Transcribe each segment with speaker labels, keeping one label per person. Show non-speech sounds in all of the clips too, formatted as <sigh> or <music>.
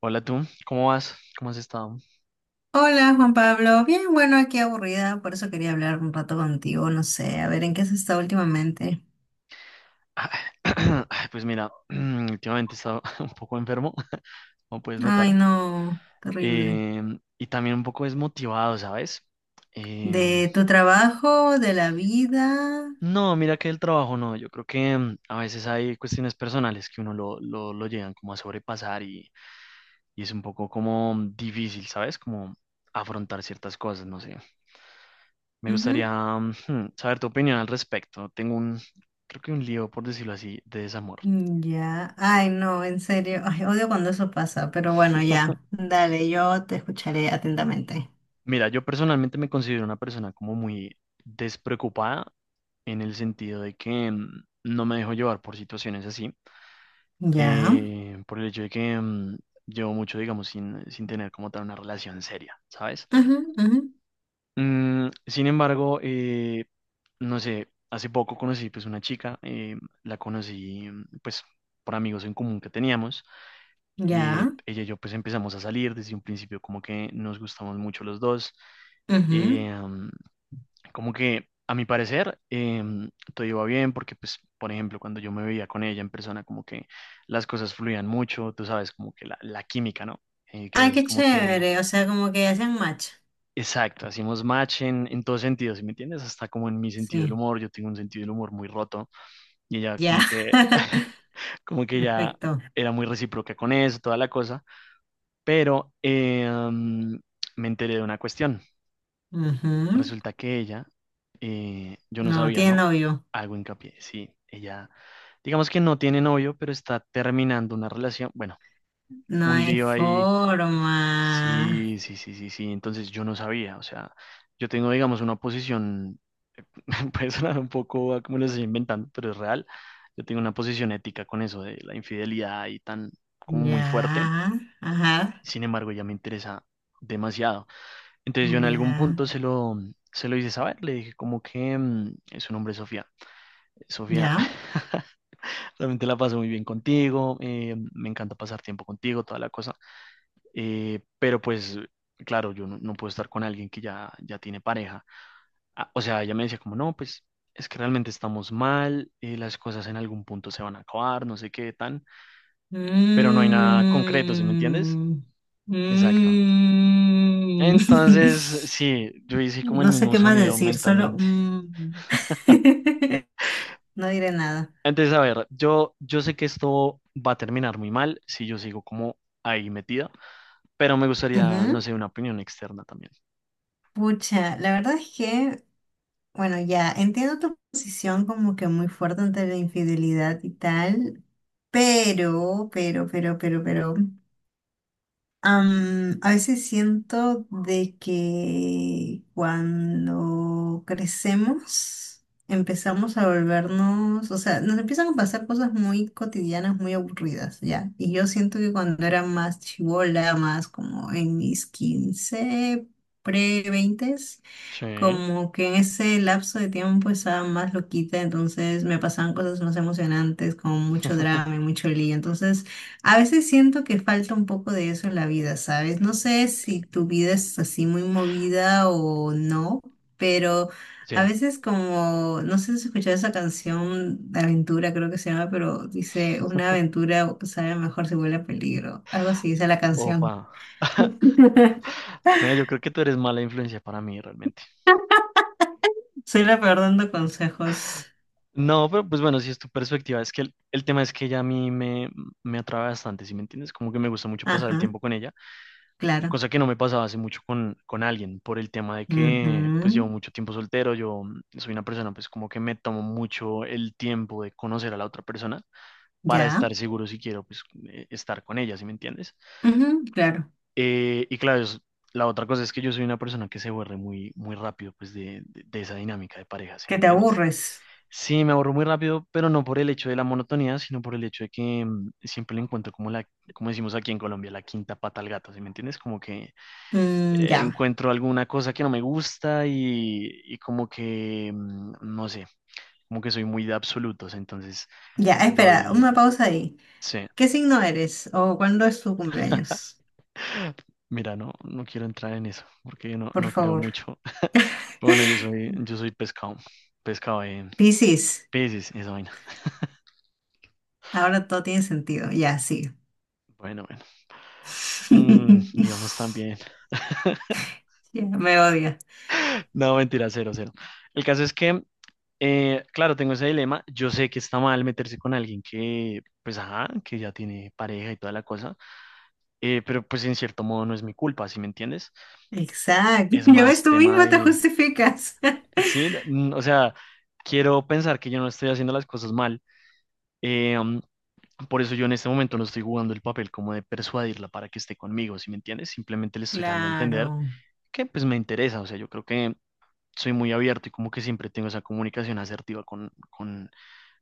Speaker 1: Hola tú, ¿cómo vas? ¿Cómo has estado?
Speaker 2: Hola Juan Pablo, bien, bueno, aquí aburrida, por eso quería hablar un rato contigo, no sé, a ver en qué has estado últimamente.
Speaker 1: Ah, <clears throat> ay, pues mira, <clears throat> últimamente he estado <laughs> un poco enfermo, <laughs> como puedes notar,
Speaker 2: Ay, no, terrible.
Speaker 1: y también un poco desmotivado, ¿sabes? Em,
Speaker 2: ¿De tu trabajo, de la vida?
Speaker 1: No, mira que el trabajo no, yo creo que a veces hay cuestiones personales que uno lo llegan como a sobrepasar, y es un poco como difícil, ¿sabes? Como afrontar ciertas cosas, no sé. Me gustaría
Speaker 2: Ujú.
Speaker 1: <laughs> saber tu opinión al respecto. Tengo creo que un lío, por decirlo así, de desamor.
Speaker 2: Mm, ya, ay, no, en serio, ay, odio cuando eso pasa, pero bueno,
Speaker 1: <laughs>
Speaker 2: ya, dale, yo te escucharé atentamente.
Speaker 1: Mira, yo personalmente me considero una persona como muy despreocupada, en el sentido de que no me dejo llevar por situaciones así.
Speaker 2: Ya,
Speaker 1: Por el hecho de que llevo mucho, digamos, sin tener como tal una relación seria, ¿sabes?
Speaker 2: ujú, ujú,
Speaker 1: Sin embargo, no sé, hace poco conocí, pues, una chica. La conocí, pues, por amigos en común que teníamos.
Speaker 2: ya,
Speaker 1: Ella y yo, pues, empezamos a salir. Desde un principio como que nos gustamos mucho los dos.
Speaker 2: ujú.
Speaker 1: eh, mm, Como que a mi parecer, todo iba bien porque, pues, por ejemplo, cuando yo me veía con ella en persona, como que las cosas fluían mucho, tú sabes, como que la química, ¿no? Que a
Speaker 2: Ay,
Speaker 1: veces
Speaker 2: qué
Speaker 1: como que,
Speaker 2: chévere, o sea, como que hacen match.
Speaker 1: exacto, hacíamos match en todos sentidos. ¿Sí me entiendes? Hasta como en mi sentido del
Speaker 2: Sí,
Speaker 1: humor. Yo tengo un sentido del humor muy roto, y ella
Speaker 2: ya,
Speaker 1: como que
Speaker 2: <laughs>
Speaker 1: <laughs> como que ya
Speaker 2: perfecto.
Speaker 1: era muy recíproca con eso, toda la cosa. Pero me enteré de una cuestión.
Speaker 2: Ujú.
Speaker 1: Resulta que ella, yo no
Speaker 2: No,
Speaker 1: sabía,
Speaker 2: tiene
Speaker 1: ¿no?
Speaker 2: novio.
Speaker 1: Hago hincapié. Sí, ella, digamos, que no tiene novio, pero está terminando una relación. Bueno,
Speaker 2: No
Speaker 1: un
Speaker 2: hay
Speaker 1: lío ahí.
Speaker 2: forma.
Speaker 1: Sí, sí, sí, sí, sí, entonces yo no sabía. O sea, yo tengo, digamos, una posición. <laughs> Puede sonar un poco a como lo estoy inventando, pero es real. Yo tengo una posición ética con eso de la infidelidad y tan, como muy fuerte.
Speaker 2: Ya. Ajá.
Speaker 1: Sin embargo, ella me interesa demasiado. Entonces yo en algún
Speaker 2: Ya.
Speaker 1: punto se lo hice saber. Le dije como que su nombre es Sofía, Sofía.
Speaker 2: Ya.
Speaker 1: <laughs> También te la paso muy bien contigo. Me encanta pasar tiempo contigo, toda la cosa. Pero, pues, claro, yo no puedo estar con alguien que ya tiene pareja. Ah, o sea, ella me decía como, no, pues es que realmente estamos mal. Las cosas en algún punto se van a acabar, no sé qué tan, pero no hay nada concreto. ¿Sí me entiendes?
Speaker 2: Mm.
Speaker 1: Exacto.
Speaker 2: Mm.
Speaker 1: Entonces,
Speaker 2: <laughs>
Speaker 1: sí, yo hice como el
Speaker 2: No sé
Speaker 1: mismo
Speaker 2: qué más
Speaker 1: sonido
Speaker 2: decir, solo
Speaker 1: mentalmente.
Speaker 2: mm. <laughs> No diré nada.
Speaker 1: Entonces, a ver, yo sé que esto va a terminar muy mal si yo sigo como ahí metida. Pero me gustaría, no
Speaker 2: Ujú.
Speaker 1: sé, una opinión externa también.
Speaker 2: Pucha, la verdad es que, bueno, ya entiendo tu posición como que muy fuerte ante la infidelidad y tal, pero, pero. A veces siento de que cuando crecemos empezamos a volvernos, o sea, nos empiezan a pasar cosas muy cotidianas, muy aburridas, ¿ya? Y yo siento que cuando era más chibola, más como en mis 15 pre-20,
Speaker 1: Sí.
Speaker 2: como que en ese lapso de tiempo estaba más loquita, entonces me pasaban cosas más emocionantes, como mucho drama y
Speaker 1: <laughs>
Speaker 2: mucho lío. Entonces, a veces siento que falta un poco de eso en la vida, ¿sabes? No sé si tu vida es así muy movida o no, pero a
Speaker 1: Sí.
Speaker 2: veces como, no sé si has escuchado esa canción de aventura, creo que se llama, pero dice, una aventura sabe mejor si huele a peligro. Algo así dice la canción.
Speaker 1: Opa. <laughs>
Speaker 2: <laughs>
Speaker 1: Mira, yo creo que tú eres mala influencia para mí realmente.
Speaker 2: Soy la peor dando consejos.
Speaker 1: No, pero pues bueno, si es tu perspectiva, es que el tema es que ella a mí me atrae bastante. ¿Sí me entiendes? Como que me gusta mucho pasar el
Speaker 2: Ajá,
Speaker 1: tiempo con ella,
Speaker 2: claro.
Speaker 1: cosa que no me pasaba hace mucho con alguien, por el tema de que, pues, llevo
Speaker 2: Ujú,
Speaker 1: mucho tiempo soltero. Yo soy una persona, pues, como que me tomo mucho el tiempo de conocer a la otra persona para
Speaker 2: ya.
Speaker 1: estar seguro si quiero, pues, estar con ella. ¿Sí me entiendes?
Speaker 2: Ujú, claro.
Speaker 1: Y claro, la otra cosa es que yo soy una persona que se aburre muy, muy rápido, pues, de esa dinámica de pareja. ¿Sí me
Speaker 2: Que te
Speaker 1: entiendes?
Speaker 2: aburres.
Speaker 1: Sí, me aburro muy rápido, pero no por el hecho de la monotonía, sino por el hecho de que siempre le encuentro como como decimos aquí en Colombia, la quinta pata al gato. ¿Sí me entiendes? Como que
Speaker 2: Mm, ya.
Speaker 1: encuentro alguna cosa que no me gusta, y como que no sé, como que soy muy de absolutos, entonces
Speaker 2: Ya, espera,
Speaker 1: doy,
Speaker 2: una pausa ahí.
Speaker 1: sí,
Speaker 2: ¿Qué signo eres o cuándo es tu cumpleaños?
Speaker 1: mira, no, no, quiero entrar en eso, porque no,
Speaker 2: Por
Speaker 1: no creo
Speaker 2: favor.
Speaker 1: mucho. Bueno, yo soy pescado, pescado de
Speaker 2: Piscis.
Speaker 1: peces, esa vaina.
Speaker 2: Ahora todo tiene sentido. Ya, sí.
Speaker 1: Bueno, bueno, íbamos
Speaker 2: <laughs>
Speaker 1: tan bien.
Speaker 2: Ya, me odia.
Speaker 1: <laughs> No, mentira, cero, cero. El caso es que, claro, tengo ese dilema. Yo sé que está mal meterse con alguien que, pues, ajá, que ya tiene pareja y toda la cosa, pero pues en cierto modo no es mi culpa. ¿Sí me entiendes?
Speaker 2: Exacto.
Speaker 1: Es
Speaker 2: <laughs> Ya ves,
Speaker 1: más
Speaker 2: tú
Speaker 1: tema
Speaker 2: misma te
Speaker 1: de,
Speaker 2: justificas. <laughs>
Speaker 1: sí, o sea, quiero pensar que yo no estoy haciendo las cosas mal. eh, mm, Por eso yo en este momento no estoy jugando el papel como de persuadirla para que esté conmigo. ¿Sí me entiendes? Simplemente le estoy dando a entender
Speaker 2: Claro.
Speaker 1: que pues me interesa. O sea, yo creo que soy muy abierto y como que siempre tengo esa comunicación asertiva con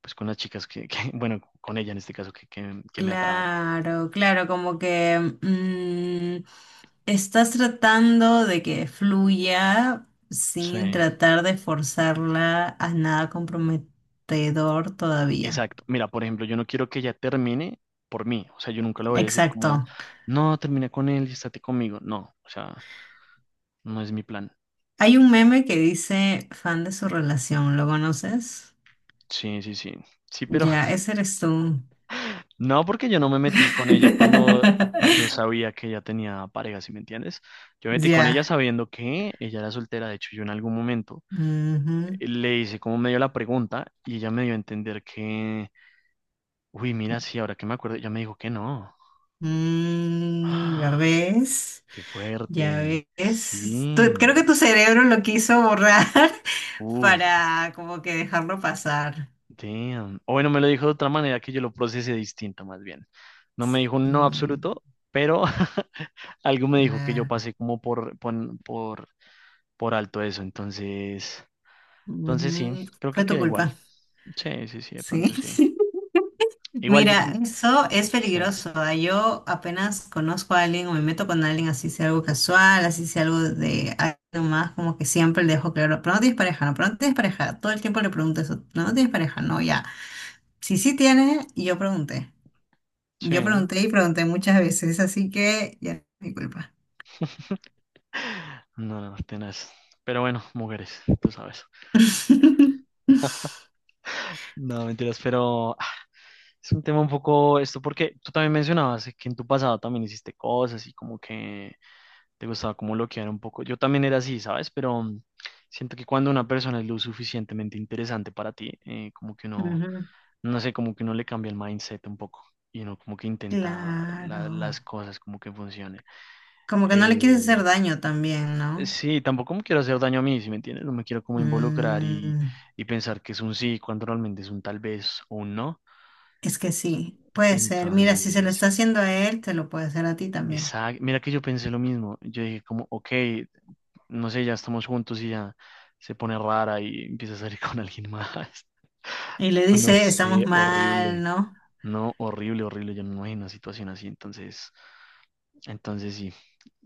Speaker 1: pues con las chicas <laughs> bueno, con ella en este caso que me atrae.
Speaker 2: Claro, claro, como que mm, estás tratando de que fluya
Speaker 1: Sí,
Speaker 2: sin tratar de forzarla a nada comprometedor todavía.
Speaker 1: exacto. Mira, por ejemplo, yo no quiero que ella termine por mí. O sea, yo nunca le voy a decir como,
Speaker 2: Exacto.
Speaker 1: no, termina con él y estate conmigo. No, o sea, no es mi plan.
Speaker 2: Hay un meme que dice fan de su relación, ¿lo conoces?
Speaker 1: Sí, sí, sí, sí, pero.
Speaker 2: Ya, ese eres tú.
Speaker 1: No, porque yo no me metí con ella cuando yo
Speaker 2: <laughs>
Speaker 1: sabía que ella tenía pareja, ¿si me entiendes? Yo me metí con ella
Speaker 2: Ya.
Speaker 1: sabiendo que ella era soltera. De hecho, yo en algún momento
Speaker 2: Ujú.
Speaker 1: le hice como medio la pregunta y ella me dio a entender que, uy, mira, sí, ahora que me acuerdo, ella me dijo que no.
Speaker 2: Mm, ¿ya
Speaker 1: ¡Ah!
Speaker 2: ves?
Speaker 1: ¡Qué
Speaker 2: Ya
Speaker 1: fuerte!
Speaker 2: ves, creo que
Speaker 1: Sí.
Speaker 2: tu cerebro lo quiso borrar <laughs>
Speaker 1: Uf,
Speaker 2: para como que dejarlo pasar.
Speaker 1: damn. O bueno, me lo dijo de otra manera que yo lo procesé distinta, más bien. No me dijo un no
Speaker 2: Mm,
Speaker 1: absoluto, pero <laughs> algo me dijo que yo
Speaker 2: nah.
Speaker 1: pasé como por alto eso. entonces sí,
Speaker 2: Ujú,
Speaker 1: creo
Speaker 2: fue
Speaker 1: que
Speaker 2: tu
Speaker 1: queda igual.
Speaker 2: culpa,
Speaker 1: Sí, sí, sí, de pronto
Speaker 2: sí.
Speaker 1: sí.
Speaker 2: <laughs>
Speaker 1: Igual,
Speaker 2: Mira, eso es
Speaker 1: sí,
Speaker 2: peligroso. Yo apenas conozco a alguien o me meto con alguien, así sea algo casual, así sea algo de algo más, como que siempre le dejo claro, pero no tienes pareja, no, pero no tienes pareja. Todo el tiempo le pregunto eso, no, no tienes pareja, no, ya. Si sí tiene, y yo pregunté.
Speaker 1: sí.
Speaker 2: Yo pregunté y pregunté muchas veces, así que ya mi culpa.
Speaker 1: <laughs> No, no, tenaz. Pero bueno, mujeres, tú sabes.
Speaker 2: <laughs>
Speaker 1: No, mentiras, pero es un tema un poco esto porque tú también mencionabas que en tu pasado también hiciste cosas y como que te gustaba como bloquear un poco. Yo también era así, ¿sabes? Pero siento que cuando una persona es lo suficientemente interesante para ti, como que uno
Speaker 2: Ujú,
Speaker 1: no sé, como que uno le cambia el mindset un poco y uno como que intenta
Speaker 2: claro.
Speaker 1: las cosas como que funcionen.
Speaker 2: Como que no le quieres hacer
Speaker 1: Eh,
Speaker 2: daño también, ¿no?
Speaker 1: sí, tampoco me quiero hacer daño a mí, ¿si me entiendes? No me quiero como involucrar, y,
Speaker 2: Mm,
Speaker 1: y pensar que es un sí cuando realmente es un tal vez o un no.
Speaker 2: es que sí, puede ser. Mira, si se lo
Speaker 1: Entonces,
Speaker 2: está haciendo a él, te lo puede hacer a ti también.
Speaker 1: esa, mira que yo pensé lo mismo. Yo dije como, ok, no sé, ya estamos juntos y ya se pone rara y empieza a salir <laughs> con alguien más. <laughs>
Speaker 2: Y le
Speaker 1: O no
Speaker 2: dice, estamos
Speaker 1: sé,
Speaker 2: mal,
Speaker 1: horrible.
Speaker 2: ¿no?
Speaker 1: No, horrible, horrible. Yo no me imagino una situación así. Entonces sí,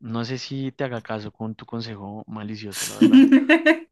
Speaker 1: no sé si te haga caso con tu consejo malicioso, la verdad.
Speaker 2: <laughs>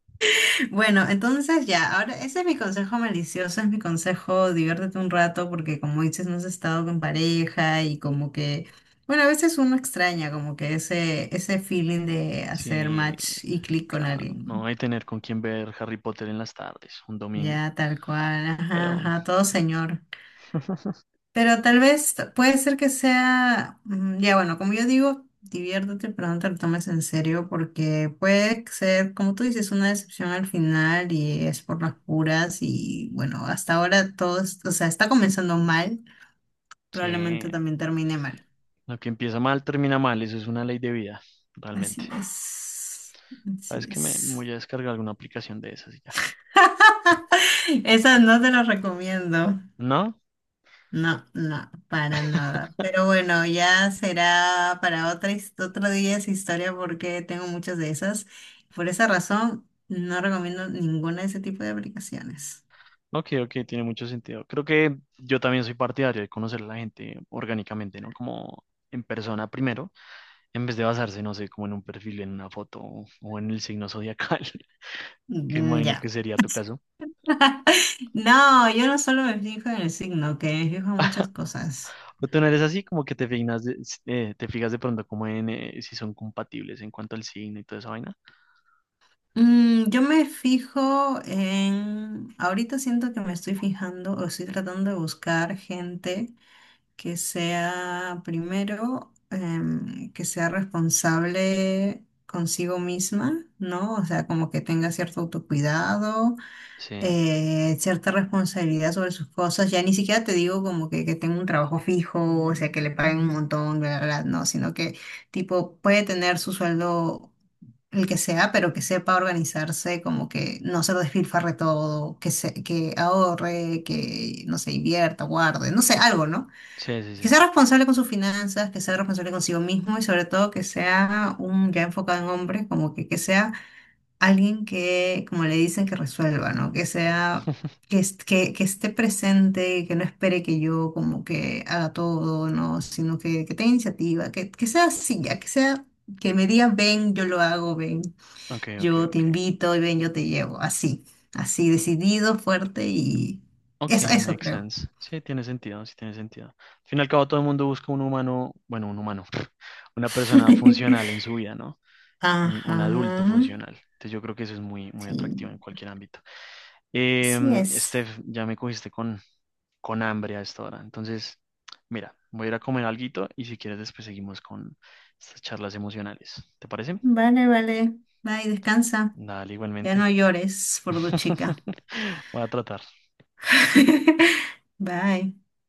Speaker 2: Bueno, entonces ya, ahora ese es mi consejo malicioso, es mi consejo, diviértete un rato porque como dices, no has estado con pareja y como que, bueno, a veces uno extraña como que ese feeling de hacer
Speaker 1: Sí,
Speaker 2: match y clic con
Speaker 1: claro,
Speaker 2: alguien, ¿no?
Speaker 1: no hay tener con quién ver Harry Potter en las tardes, un domingo,
Speaker 2: Ya, tal cual, ajá,
Speaker 1: pero
Speaker 2: ajá, todo señor.
Speaker 1: <laughs>
Speaker 2: Pero tal vez puede ser que sea, mm, ya bueno, como yo digo, diviértete, pero no te lo tomes en serio porque puede ser, como tú dices, una decepción al final y es por las puras y bueno, hasta ahora todo, o sea, está comenzando mal,
Speaker 1: sí,
Speaker 2: probablemente también termine mal.
Speaker 1: lo que empieza mal termina mal, eso es una ley de vida,
Speaker 2: Así
Speaker 1: realmente.
Speaker 2: es, así
Speaker 1: Sabes que me voy
Speaker 2: es.
Speaker 1: a descargar alguna aplicación de esas y ya.
Speaker 2: <laughs> Esa no te la recomiendo.
Speaker 1: ¿No?
Speaker 2: No, no, para
Speaker 1: <laughs>
Speaker 2: nada. Pero bueno, ya será para otra, otro día esa historia porque tengo muchas de esas. Por esa razón, no recomiendo ninguna de ese tipo de aplicaciones.
Speaker 1: Ok, ok, tiene mucho sentido. Creo que yo también soy partidario de conocer a la gente orgánicamente, ¿no? Como en persona primero, en vez de basarse, no sé, como en un perfil, en una foto o en el signo zodiacal, <laughs> que
Speaker 2: Mm,
Speaker 1: imagino que
Speaker 2: ya.
Speaker 1: sería tu caso.
Speaker 2: <laughs> No, yo no solo me fijo en el signo, que me fijo en muchas cosas.
Speaker 1: O tú no eres así, como que te fijas de pronto como en si son compatibles en cuanto al signo y toda esa vaina.
Speaker 2: Mm, yo me fijo en... Ahorita siento que me estoy fijando o estoy tratando de buscar gente que sea primero, que sea responsable consigo misma, ¿no? O sea, como que tenga cierto autocuidado,
Speaker 1: Sí,
Speaker 2: cierta responsabilidad sobre sus cosas. Ya ni siquiera te digo como que tenga un trabajo fijo, o sea, que le paguen un montón, bla, bla, bla, no, sino que tipo puede tener su sueldo, el que sea, pero que sepa organizarse, como que no se lo despilfarre todo, que ahorre, que no se invierta, guarde, no sé, algo, ¿no?
Speaker 1: sí, sí,
Speaker 2: Que
Speaker 1: sí.
Speaker 2: sea responsable con sus finanzas, que sea responsable consigo mismo y sobre todo que sea un ya enfocado en hombres, como que sea alguien que, como le dicen, que resuelva, ¿no? Que sea, que esté presente, que no espere que yo como que haga todo, ¿no? Sino que tenga iniciativa, que sea así, ya que sea, que me diga, ven, yo lo hago, ven,
Speaker 1: Ok, ok,
Speaker 2: yo te
Speaker 1: ok.
Speaker 2: invito y ven, yo te llevo, así, así, decidido, fuerte y
Speaker 1: Ok,
Speaker 2: eso
Speaker 1: makes
Speaker 2: creo.
Speaker 1: sense. Sí, tiene sentido, sí tiene sentido. Al fin y al cabo, todo el mundo busca un humano, bueno, un humano, <laughs> una persona funcional
Speaker 2: <laughs>
Speaker 1: en su vida, ¿no? Un
Speaker 2: Ajá.
Speaker 1: adulto funcional. Entonces yo creo que eso es muy, muy
Speaker 2: Sí,
Speaker 1: atractivo en cualquier ámbito.
Speaker 2: así es.
Speaker 1: Steph, ya me cogiste con hambre a esta hora. Entonces, mira, voy a ir a comer alguito y si quieres después seguimos con estas charlas emocionales. ¿Te parece?
Speaker 2: Vale, vale. Bye, descansa.
Speaker 1: Dale,
Speaker 2: Ya
Speaker 1: igualmente.
Speaker 2: no llores por tu chica.
Speaker 1: <laughs> Voy a tratar.
Speaker 2: <laughs> Bye.